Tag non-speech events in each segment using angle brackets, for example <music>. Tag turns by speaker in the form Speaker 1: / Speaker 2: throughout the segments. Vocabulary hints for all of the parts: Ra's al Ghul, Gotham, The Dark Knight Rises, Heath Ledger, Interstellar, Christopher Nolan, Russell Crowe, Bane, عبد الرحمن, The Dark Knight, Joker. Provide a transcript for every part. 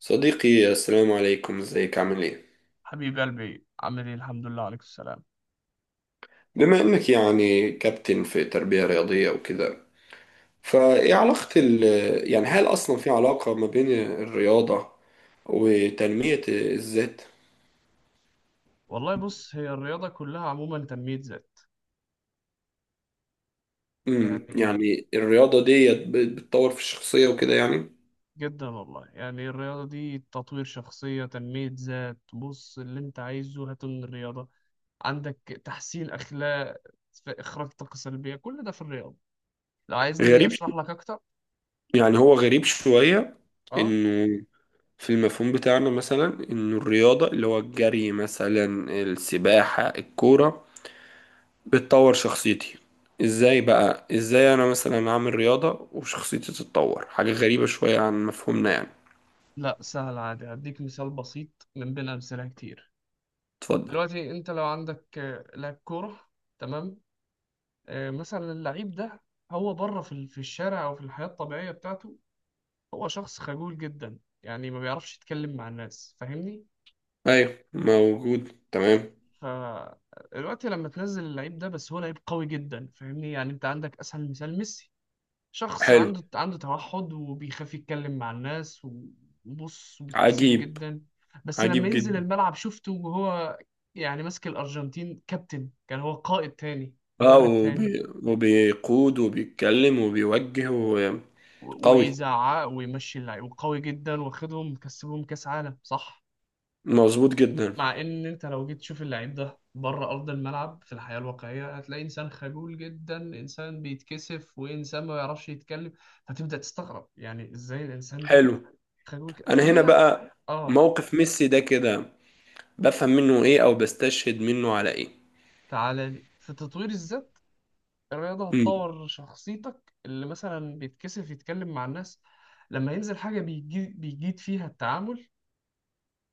Speaker 1: صديقي، السلام عليكم. ازيك؟ عامل ايه؟
Speaker 2: حبيب قلبي عامل ايه، الحمد لله. عليك السلام.
Speaker 1: بما انك يعني كابتن في تربية رياضية وكده، فايه علاقة يعني هل اصلا في علاقة ما بين الرياضة وتنمية الذات؟
Speaker 2: والله بص، هي الرياضة كلها عموما تنمية ذات. يعني
Speaker 1: يعني الرياضة ديت بتطور في الشخصية وكده يعني.
Speaker 2: جدا والله، يعني الرياضة دي تطوير شخصية، تنمية ذات. بص اللي انت عايزه هاته من الرياضة عندك. تحسين أخلاق، في إخراج طاقة سلبية، كل ده في الرياضة. لو عايزني
Speaker 1: غريب،
Speaker 2: أشرح لك أكتر.
Speaker 1: يعني هو غريب شوية
Speaker 2: اه
Speaker 1: انه في المفهوم بتاعنا مثلا انه الرياضة اللي هو الجري مثلا، السباحة، الكورة، بتطور شخصيتي. ازاي بقى؟ ازاي انا مثلا اعمل رياضة وشخصيتي تتطور؟ حاجة غريبة شوية عن مفهومنا يعني.
Speaker 2: لا، سهل عادي، هديك مثال بسيط من بين أمثلة كتير.
Speaker 1: اتفضل.
Speaker 2: دلوقتي انت لو عندك لاعب كورة. تمام. مثلا اللعيب ده هو بره في الشارع او في الحياة الطبيعية بتاعته، هو شخص خجول جدا، يعني ما بيعرفش يتكلم مع الناس، فاهمني.
Speaker 1: ايوه، موجود، تمام.
Speaker 2: فدلوقتي لما تنزل اللعيب ده، بس هو لعيب قوي جدا، فاهمني. يعني انت عندك اسهل مثال ميسي، شخص
Speaker 1: حلو.
Speaker 2: عنده توحد وبيخاف يتكلم مع الناس، وبص وبيتكسف
Speaker 1: عجيب.
Speaker 2: جدا. بس لما
Speaker 1: عجيب
Speaker 2: ينزل
Speaker 1: جدا.
Speaker 2: الملعب شفته وهو يعني ماسك الارجنتين كابتن، كان هو قائد تاني،
Speaker 1: اه
Speaker 2: مدرب تاني،
Speaker 1: وبي... وبيقود وبيتكلم وبيوجه وقوي.
Speaker 2: ويزعق ويمشي اللعيب وقوي جدا، واخدهم مكسبهم كاس عالم، صح.
Speaker 1: مظبوط جدا.
Speaker 2: مع ان انت لو جيت تشوف اللعيب ده بره ارض الملعب في الحياه الواقعيه، هتلاقي انسان خجول جدا، انسان بيتكسف، وانسان ما بيعرفش يتكلم. فتبدا تستغرب، يعني ازاي الانسان ده
Speaker 1: حلو.
Speaker 2: خجول كده
Speaker 1: انا هنا
Speaker 2: فهي.
Speaker 1: بقى،
Speaker 2: اه.
Speaker 1: موقف ميسي ده كده بفهم منه ايه او بستشهد منه على ايه؟
Speaker 2: تعالى لي في تطوير الذات. الرياضه
Speaker 1: امم.
Speaker 2: هتطور شخصيتك. اللي مثلا بيتكسف يتكلم مع الناس، لما ينزل حاجه بيجي بيجيد فيها التعامل،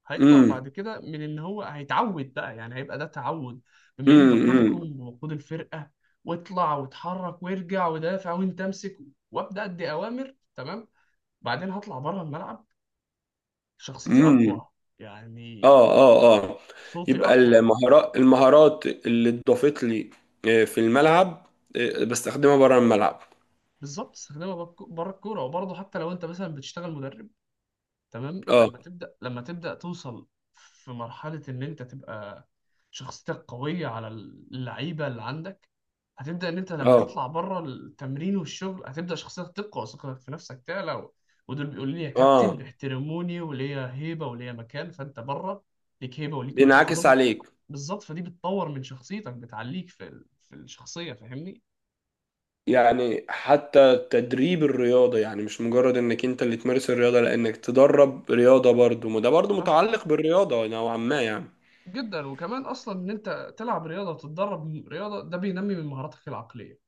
Speaker 2: هيقدر بعد
Speaker 1: امم.
Speaker 2: كده من ان هو هيتعود بقى، يعني هيبقى ده تعود. بما اني
Speaker 1: امم.
Speaker 2: بقودكم وبقود الفرقه، واطلع واتحرك وارجع ودافع، وانت امسك، وابدا ادي اوامر، تمام. بعدين هطلع بره الملعب، شخصيتي
Speaker 1: امم.
Speaker 2: اقوى. يعني
Speaker 1: اه، اه، اه.
Speaker 2: صوتي
Speaker 1: يبقى
Speaker 2: اقوى.
Speaker 1: المهارات اللي اتضافت لي في الملعب، بستخدمها بره الملعب.
Speaker 2: بالظبط، استخدمها بره الكوره. وبرضه حتى لو انت مثلا بتشتغل مدرب، تمام،
Speaker 1: اه،
Speaker 2: لما تبدأ توصل في مرحلة إن أنت تبقى شخصيتك قوية على اللعيبة اللي عندك. هتبدأ إن أنت لما
Speaker 1: اه،
Speaker 2: تطلع بره التمرين والشغل، هتبدأ شخصيتك تقوى، وثقتك في نفسك تعلى، ودول بيقولوا لي يا كابتن،
Speaker 1: اه.
Speaker 2: بيحترموني وليا هيبة وليا مكان، فأنت بره ليك هيبة وليك مكان،
Speaker 1: بينعكس عليك.
Speaker 2: بالظبط. فدي بتطور من شخصيتك، بتعليك في الشخصية، فاهمني؟
Speaker 1: يعني حتى تدريب الرياضة، يعني مش مجرد انك انت اللي تمارس الرياضة، لانك تدرب رياضة برضو، ما ده برضو
Speaker 2: صح
Speaker 1: متعلق بالرياضة نوعا ما يعني.
Speaker 2: جدا. وكمان أصلا إن أنت تلعب رياضة وتتدرب رياضة، ده بينمي من مهاراتك العقلية.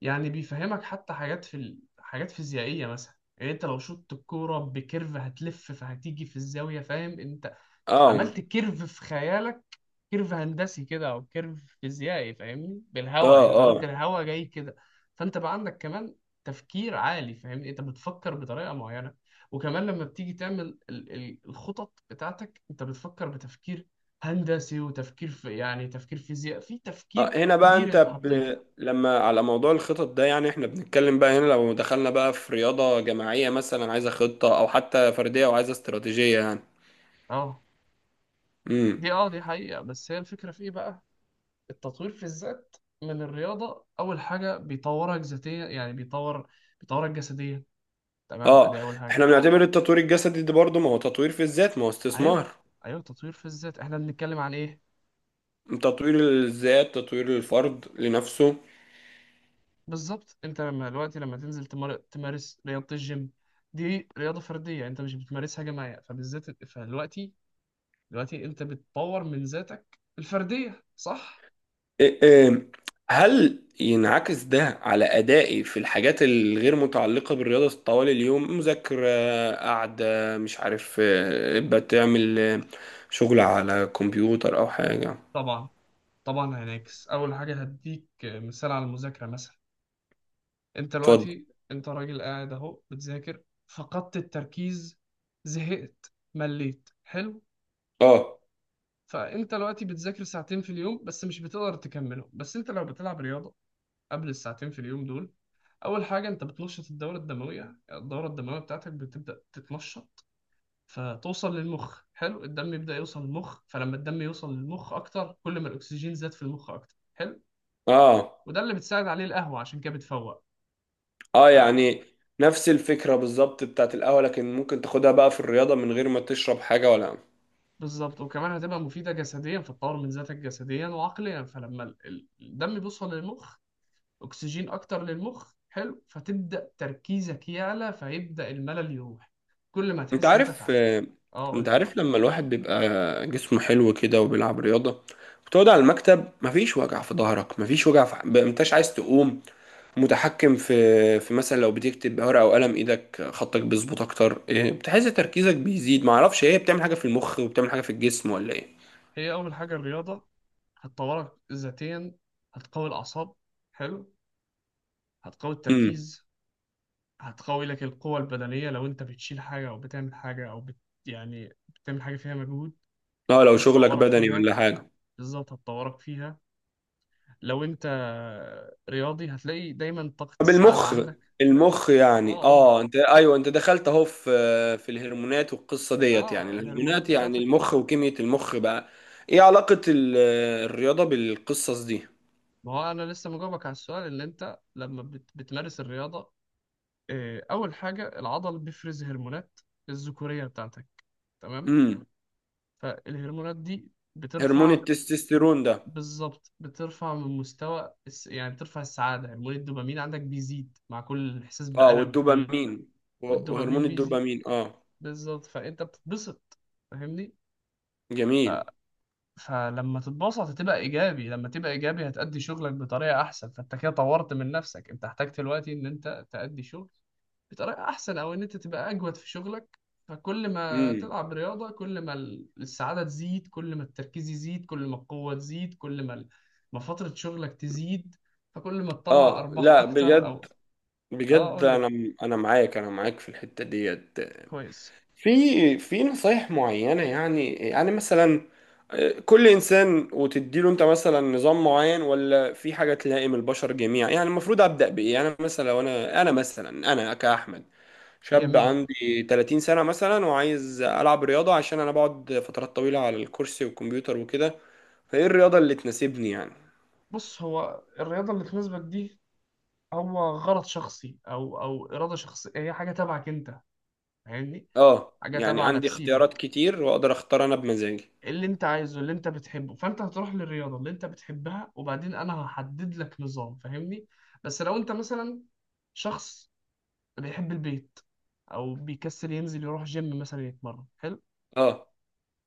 Speaker 2: يعني بيفهمك حتى حاجات حاجات فيزيائية مثلا. يعني انت لو شطت الكورة بكيرف هتلف، فهتيجي في الزاوية، فاهم انت؟
Speaker 1: اه،
Speaker 2: عملت كيرف في خيالك، كيرف هندسي كده او كيرف فيزيائي، فاهمني،
Speaker 1: اه.
Speaker 2: بالهواء، انت قلت
Speaker 1: آه.
Speaker 2: الهواء جاي كده. فانت بقى عندك كمان تفكير عالي، فاهمني، انت بتفكر بطريقة معينة. وكمان لما بتيجي تعمل الخطط بتاعتك، انت بتفكر بتفكير هندسي، وتفكير في يعني تفكير فيزياء، في
Speaker 1: اه
Speaker 2: تفكير
Speaker 1: هنا بقى
Speaker 2: كبير
Speaker 1: انت
Speaker 2: انت حطيته.
Speaker 1: ب... لما على موضوع الخطط ده يعني احنا بنتكلم بقى هنا، لو دخلنا بقى في رياضة جماعية مثلا عايزة خطة، او حتى فردية وعايزة استراتيجية يعني.
Speaker 2: اه.
Speaker 1: امم.
Speaker 2: دي اه، دي حقيقة. بس هي الفكرة في ايه بقى؟ التطوير في الذات من الرياضة، اول حاجة بيطورك ذاتيا، يعني بيطورك جسديا، تمام،
Speaker 1: اه،
Speaker 2: ادي اول حاجة.
Speaker 1: احنا بنعتبر التطوير الجسدي ده برضه ما هو تطوير في الذات، ما هو
Speaker 2: ايوه،
Speaker 1: استثمار؟
Speaker 2: ايوه. تطوير في الذات، احنا بنتكلم عن ايه؟
Speaker 1: تطوير الذات تطوير الفرد لنفسه.
Speaker 2: بالظبط. انت لما دلوقتي، لما تنزل تمارس رياضة الجيم، دي رياضة فردية، انت مش بتمارسها جماعية فبالذات. فدلوقتي دلوقتي انت بتطور من ذاتك الفردية، صح.
Speaker 1: إيه، هل ينعكس ده على أدائي في الحاجات الغير متعلقة بالرياضة طوال اليوم؟ مذاكرة، قاعدة، مش عارف، بتعمل شغل على كمبيوتر أو حاجة.
Speaker 2: طبعا، طبعا هينعكس. اول حاجة هديك مثال على المذاكرة مثلا. انت
Speaker 1: اتفضل.
Speaker 2: دلوقتي، انت راجل قاعد اهو بتذاكر، فقدت التركيز، زهقت، مليت، حلو.
Speaker 1: اه،
Speaker 2: فانت دلوقتي بتذاكر ساعتين في اليوم بس، مش بتقدر تكملهم. بس انت لو بتلعب رياضة قبل الساعتين في اليوم دول، اول حاجة انت بتنشط الدورة الدموية، الدورة الدموية بتاعتك بتبدأ تتنشط، فتوصل للمخ، حلو. الدم يبدأ يوصل للمخ، فلما الدم يوصل للمخ اكتر، كل ما الاكسجين زاد في المخ اكتر، حلو.
Speaker 1: اه،
Speaker 2: وده اللي بتساعد عليه القهوة، عشان كده بتفوق.
Speaker 1: اه. يعني نفس الفكرة بالظبط بتاعت القهوة، لكن ممكن تاخدها بقى في الرياضة من غير ما تشرب حاجة ولا؟
Speaker 2: بالظبط، وكمان هتبقى مفيدة جسديا، فتطور من ذاتك جسديا وعقليا. فلما الدم بيوصل للمخ، أكسجين أكتر للمخ، حلو، فتبدأ تركيزك يعلى، فيبدأ الملل يروح، كل ما
Speaker 1: انت
Speaker 2: تحس إن أنت
Speaker 1: عارف
Speaker 2: تعب.
Speaker 1: آه،
Speaker 2: أه
Speaker 1: انت
Speaker 2: قول لي.
Speaker 1: عارف لما الواحد بيبقى جسمه حلو كده وبيلعب رياضة، بتقعد على المكتب، مفيش وجع في ظهرك، مفيش وجع في انتش عايز تقوم، متحكم في مثلا لو بتكتب بورقة او قلم ايدك خطك بيظبط اكتر، بتحس تركيزك بيزيد. معرفش ايه، بتعمل حاجة في المخ وبتعمل حاجة في الجسم ولا ايه؟
Speaker 2: هي أول حاجة الرياضة هتطورك ذاتيا، هتقوي الأعصاب، حلو، هتقوي
Speaker 1: امم.
Speaker 2: التركيز، هتقوي لك القوة البدنية لو أنت بتشيل حاجة أو بتعمل حاجة يعني بتعمل حاجة فيها مجهود،
Speaker 1: اه، لو شغلك
Speaker 2: هتطورك
Speaker 1: بدني
Speaker 2: فيها،
Speaker 1: ولا حاجة.
Speaker 2: بالظبط هتطورك فيها. لو انت رياضي، هتلاقي دايما طاقة
Speaker 1: طب
Speaker 2: السعادة
Speaker 1: المخ،
Speaker 2: عندك.
Speaker 1: يعني
Speaker 2: اه قول لي.
Speaker 1: انت، ايوه، انت دخلت اهو في الهرمونات والقصه ديت. يعني
Speaker 2: اه الهرمونات
Speaker 1: الهرمونات يعني
Speaker 2: بتاعتك.
Speaker 1: المخ وكيمياء المخ بقى، ايه علاقه الرياضه بالقصص دي؟
Speaker 2: ما هو انا لسه مجاوبك على السؤال. اللي انت لما بتمارس الرياضة، اول حاجة العضل بيفرز هرمونات الذكورية بتاعتك، تمام.
Speaker 1: امم.
Speaker 2: فالهرمونات دي
Speaker 1: هرمون
Speaker 2: بترفع،
Speaker 1: التستوستيرون ده.
Speaker 2: بالظبط، بترفع من مستوى الس... يعني بترفع السعادة. هرمون الدوبامين عندك بيزيد مع كل احساس
Speaker 1: اه
Speaker 2: بألم، كل
Speaker 1: والدوبامين و- وهرمون
Speaker 2: والدوبامين بيزيد،
Speaker 1: الدوبامين
Speaker 2: بالظبط. فانت بتتبسط، فاهمني.
Speaker 1: جميل.
Speaker 2: فلما تتبسط هتبقى ايجابي، لما تبقى ايجابي هتأدي شغلك بطريقه احسن، فانت كده طورت من نفسك. انت احتاج دلوقتي ان انت تأدي شغل بطريقه احسن، او ان انت تبقى اجود في شغلك. فكل ما
Speaker 1: امم.
Speaker 2: تلعب رياضه، كل ما السعاده تزيد، كل ما التركيز يزيد، كل ما القوه تزيد، كل ما ما فتره شغلك تزيد، فكل ما تطلع
Speaker 1: اه.
Speaker 2: ارباح
Speaker 1: لا
Speaker 2: اكتر
Speaker 1: بجد،
Speaker 2: او. اه
Speaker 1: بجد
Speaker 2: قول لي.
Speaker 1: انا معاك، انا معاك في الحته ديت.
Speaker 2: كويس.
Speaker 1: في في نصايح معينة، يعني يعني مثلا، كل إنسان وتديله، أنت مثلا نظام معين، ولا في حاجة تلائم البشر جميعا يعني؟ المفروض أبدأ بإيه؟ يعني مثلا لو أنا، أنا مثلا أنا كأحمد شاب
Speaker 2: جميل.
Speaker 1: عندي 30 سنة مثلا، وعايز ألعب رياضة عشان أنا بقعد فترات طويلة على الكرسي والكمبيوتر وكده، فإيه الرياضة اللي تناسبني يعني؟
Speaker 2: بص، هو الرياضه اللي تناسبك دي هو غرض شخصي، او اراده شخصيه، هي حاجه تبعك انت، فاهمني.
Speaker 1: آه،
Speaker 2: حاجه
Speaker 1: يعني
Speaker 2: تبع
Speaker 1: عندي
Speaker 2: نفسيتك،
Speaker 1: اختيارات كتير وأقدر أختار أنا بمزاجي.
Speaker 2: اللي انت عايزه، اللي انت بتحبه. فانت هتروح للرياضه اللي انت بتحبها، وبعدين انا هحدد لك نظام، فاهمني. بس لو انت مثلا شخص بيحب البيت، او بيكسل ينزل يروح جيم مثلا يتمرن، حلو،
Speaker 1: آه.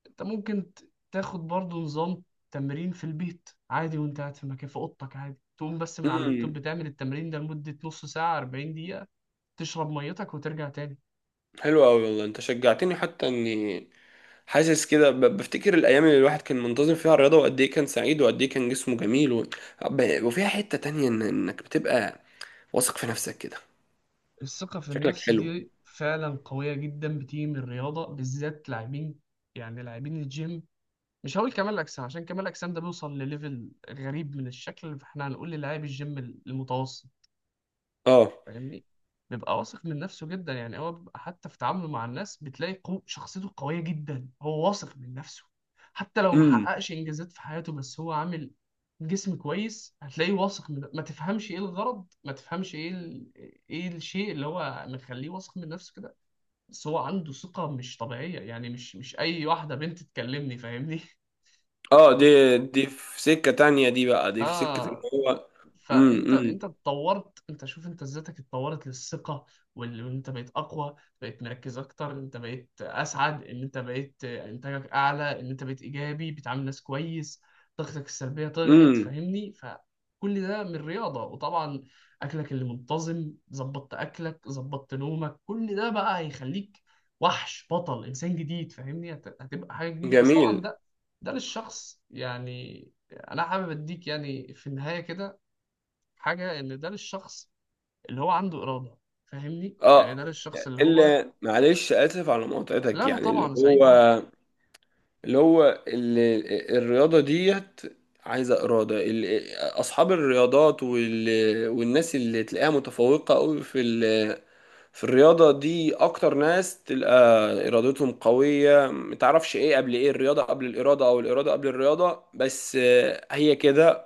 Speaker 2: انت ممكن تاخد برضو نظام تمرين في البيت عادي، وانت قاعد في مكان في اوضتك عادي، تقوم بس من على اللابتوب،
Speaker 1: امم.
Speaker 2: بتعمل التمرين ده لمدة نص ساعة 40 دقيقة، تشرب ميتك وترجع تاني.
Speaker 1: حلو أوي والله، أنت شجعتني حتى إني حاسس كده بفتكر الايام اللي الواحد كان منتظم فيها الرياضه، وقد ايه كان سعيد، وقد ايه كان جسمه جميل وفيها حته تانية انك بتبقى واثق في نفسك كده.
Speaker 2: الثقة في
Speaker 1: شكلك
Speaker 2: النفس
Speaker 1: حلو.
Speaker 2: دي فعلا قوية جدا، بتيجي من الرياضة، بالذات لاعبين، يعني لاعبين الجيم. مش هقول كمال أجسام، عشان كمال أجسام ده بيوصل لليفل غريب من الشكل، فاحنا هنقول للاعب الجيم المتوسط،
Speaker 1: اه.
Speaker 2: فاهمني، بيبقى واثق من نفسه جدا. يعني هو بيبقى حتى في تعامله مع الناس، بتلاقي شخصيته قوية جدا، هو واثق من نفسه. حتى لو
Speaker 1: امم.
Speaker 2: محققش إنجازات في حياته، بس هو عامل جسم كويس، هتلاقيه واثق من. ما تفهمش إيه الغرض، ما تفهمش إيه الشيء اللي هو مخليه واثق من نفسه كده، بس هو عنده ثقة مش طبيعية. يعني مش أي واحدة بنت تكلمني، فاهمني.
Speaker 1: اه، دي
Speaker 2: <laughs>
Speaker 1: دي في سكه تانية، دي بقى دي في سكه ان
Speaker 2: آه.
Speaker 1: هو. امم.
Speaker 2: فانت،
Speaker 1: امم.
Speaker 2: انت اتطورت، انت شوف، انت ذاتك اتطورت للثقه، وان انت بقيت اقوى، بقيت مركز اكتر، انت بقيت اسعد، ان انت بقيت انتاجك اعلى، ان انت بقيت ايجابي، بتعامل ناس كويس، طاقتك السلبيه طلعت،
Speaker 1: امم.
Speaker 2: فاهمني. فكل ده من رياضه، وطبعا اكلك اللي منتظم، ظبطت اكلك، ظبطت نومك، كل ده بقى هيخليك وحش، بطل، انسان جديد، فاهمني. هتبقى حاجه جديده، بس طبعا
Speaker 1: جميل.
Speaker 2: ده، ده للشخص. يعني انا حابب اديك يعني في النهايه كده حاجة، إن ده للشخص اللي هو عنده إرادة، فاهمني. يعني
Speaker 1: اه.
Speaker 2: ده للشخص اللي هو.
Speaker 1: اللي، معلش، اسف على مقاطعتك،
Speaker 2: لا أنا
Speaker 1: يعني اللي
Speaker 2: طبعا
Speaker 1: هو،
Speaker 2: سعيد بيك.
Speaker 1: اللي هو ال- الرياضة ديت عايزة إرادة أصحاب الرياضات والناس اللي تلاقيها متفوقة أوي في الرياضة دي، أكتر ناس تلقى إرادتهم قوية. متعرفش إيه قبل إيه، الرياضة قبل الإرادة أو الإرادة قبل الرياضة، بس هي كده.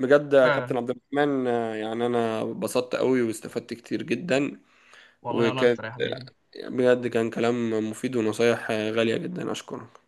Speaker 1: بجد يا
Speaker 2: فعلا،
Speaker 1: كابتن عبد الرحمن، يعني أنا اتبسطت أوي واستفدت كتير جدا.
Speaker 2: والله أنا
Speaker 1: وكان،
Speaker 2: أكتر يا حبيبي.
Speaker 1: بجد، كان كلام مفيد ونصايح غالية جدا. أشكره.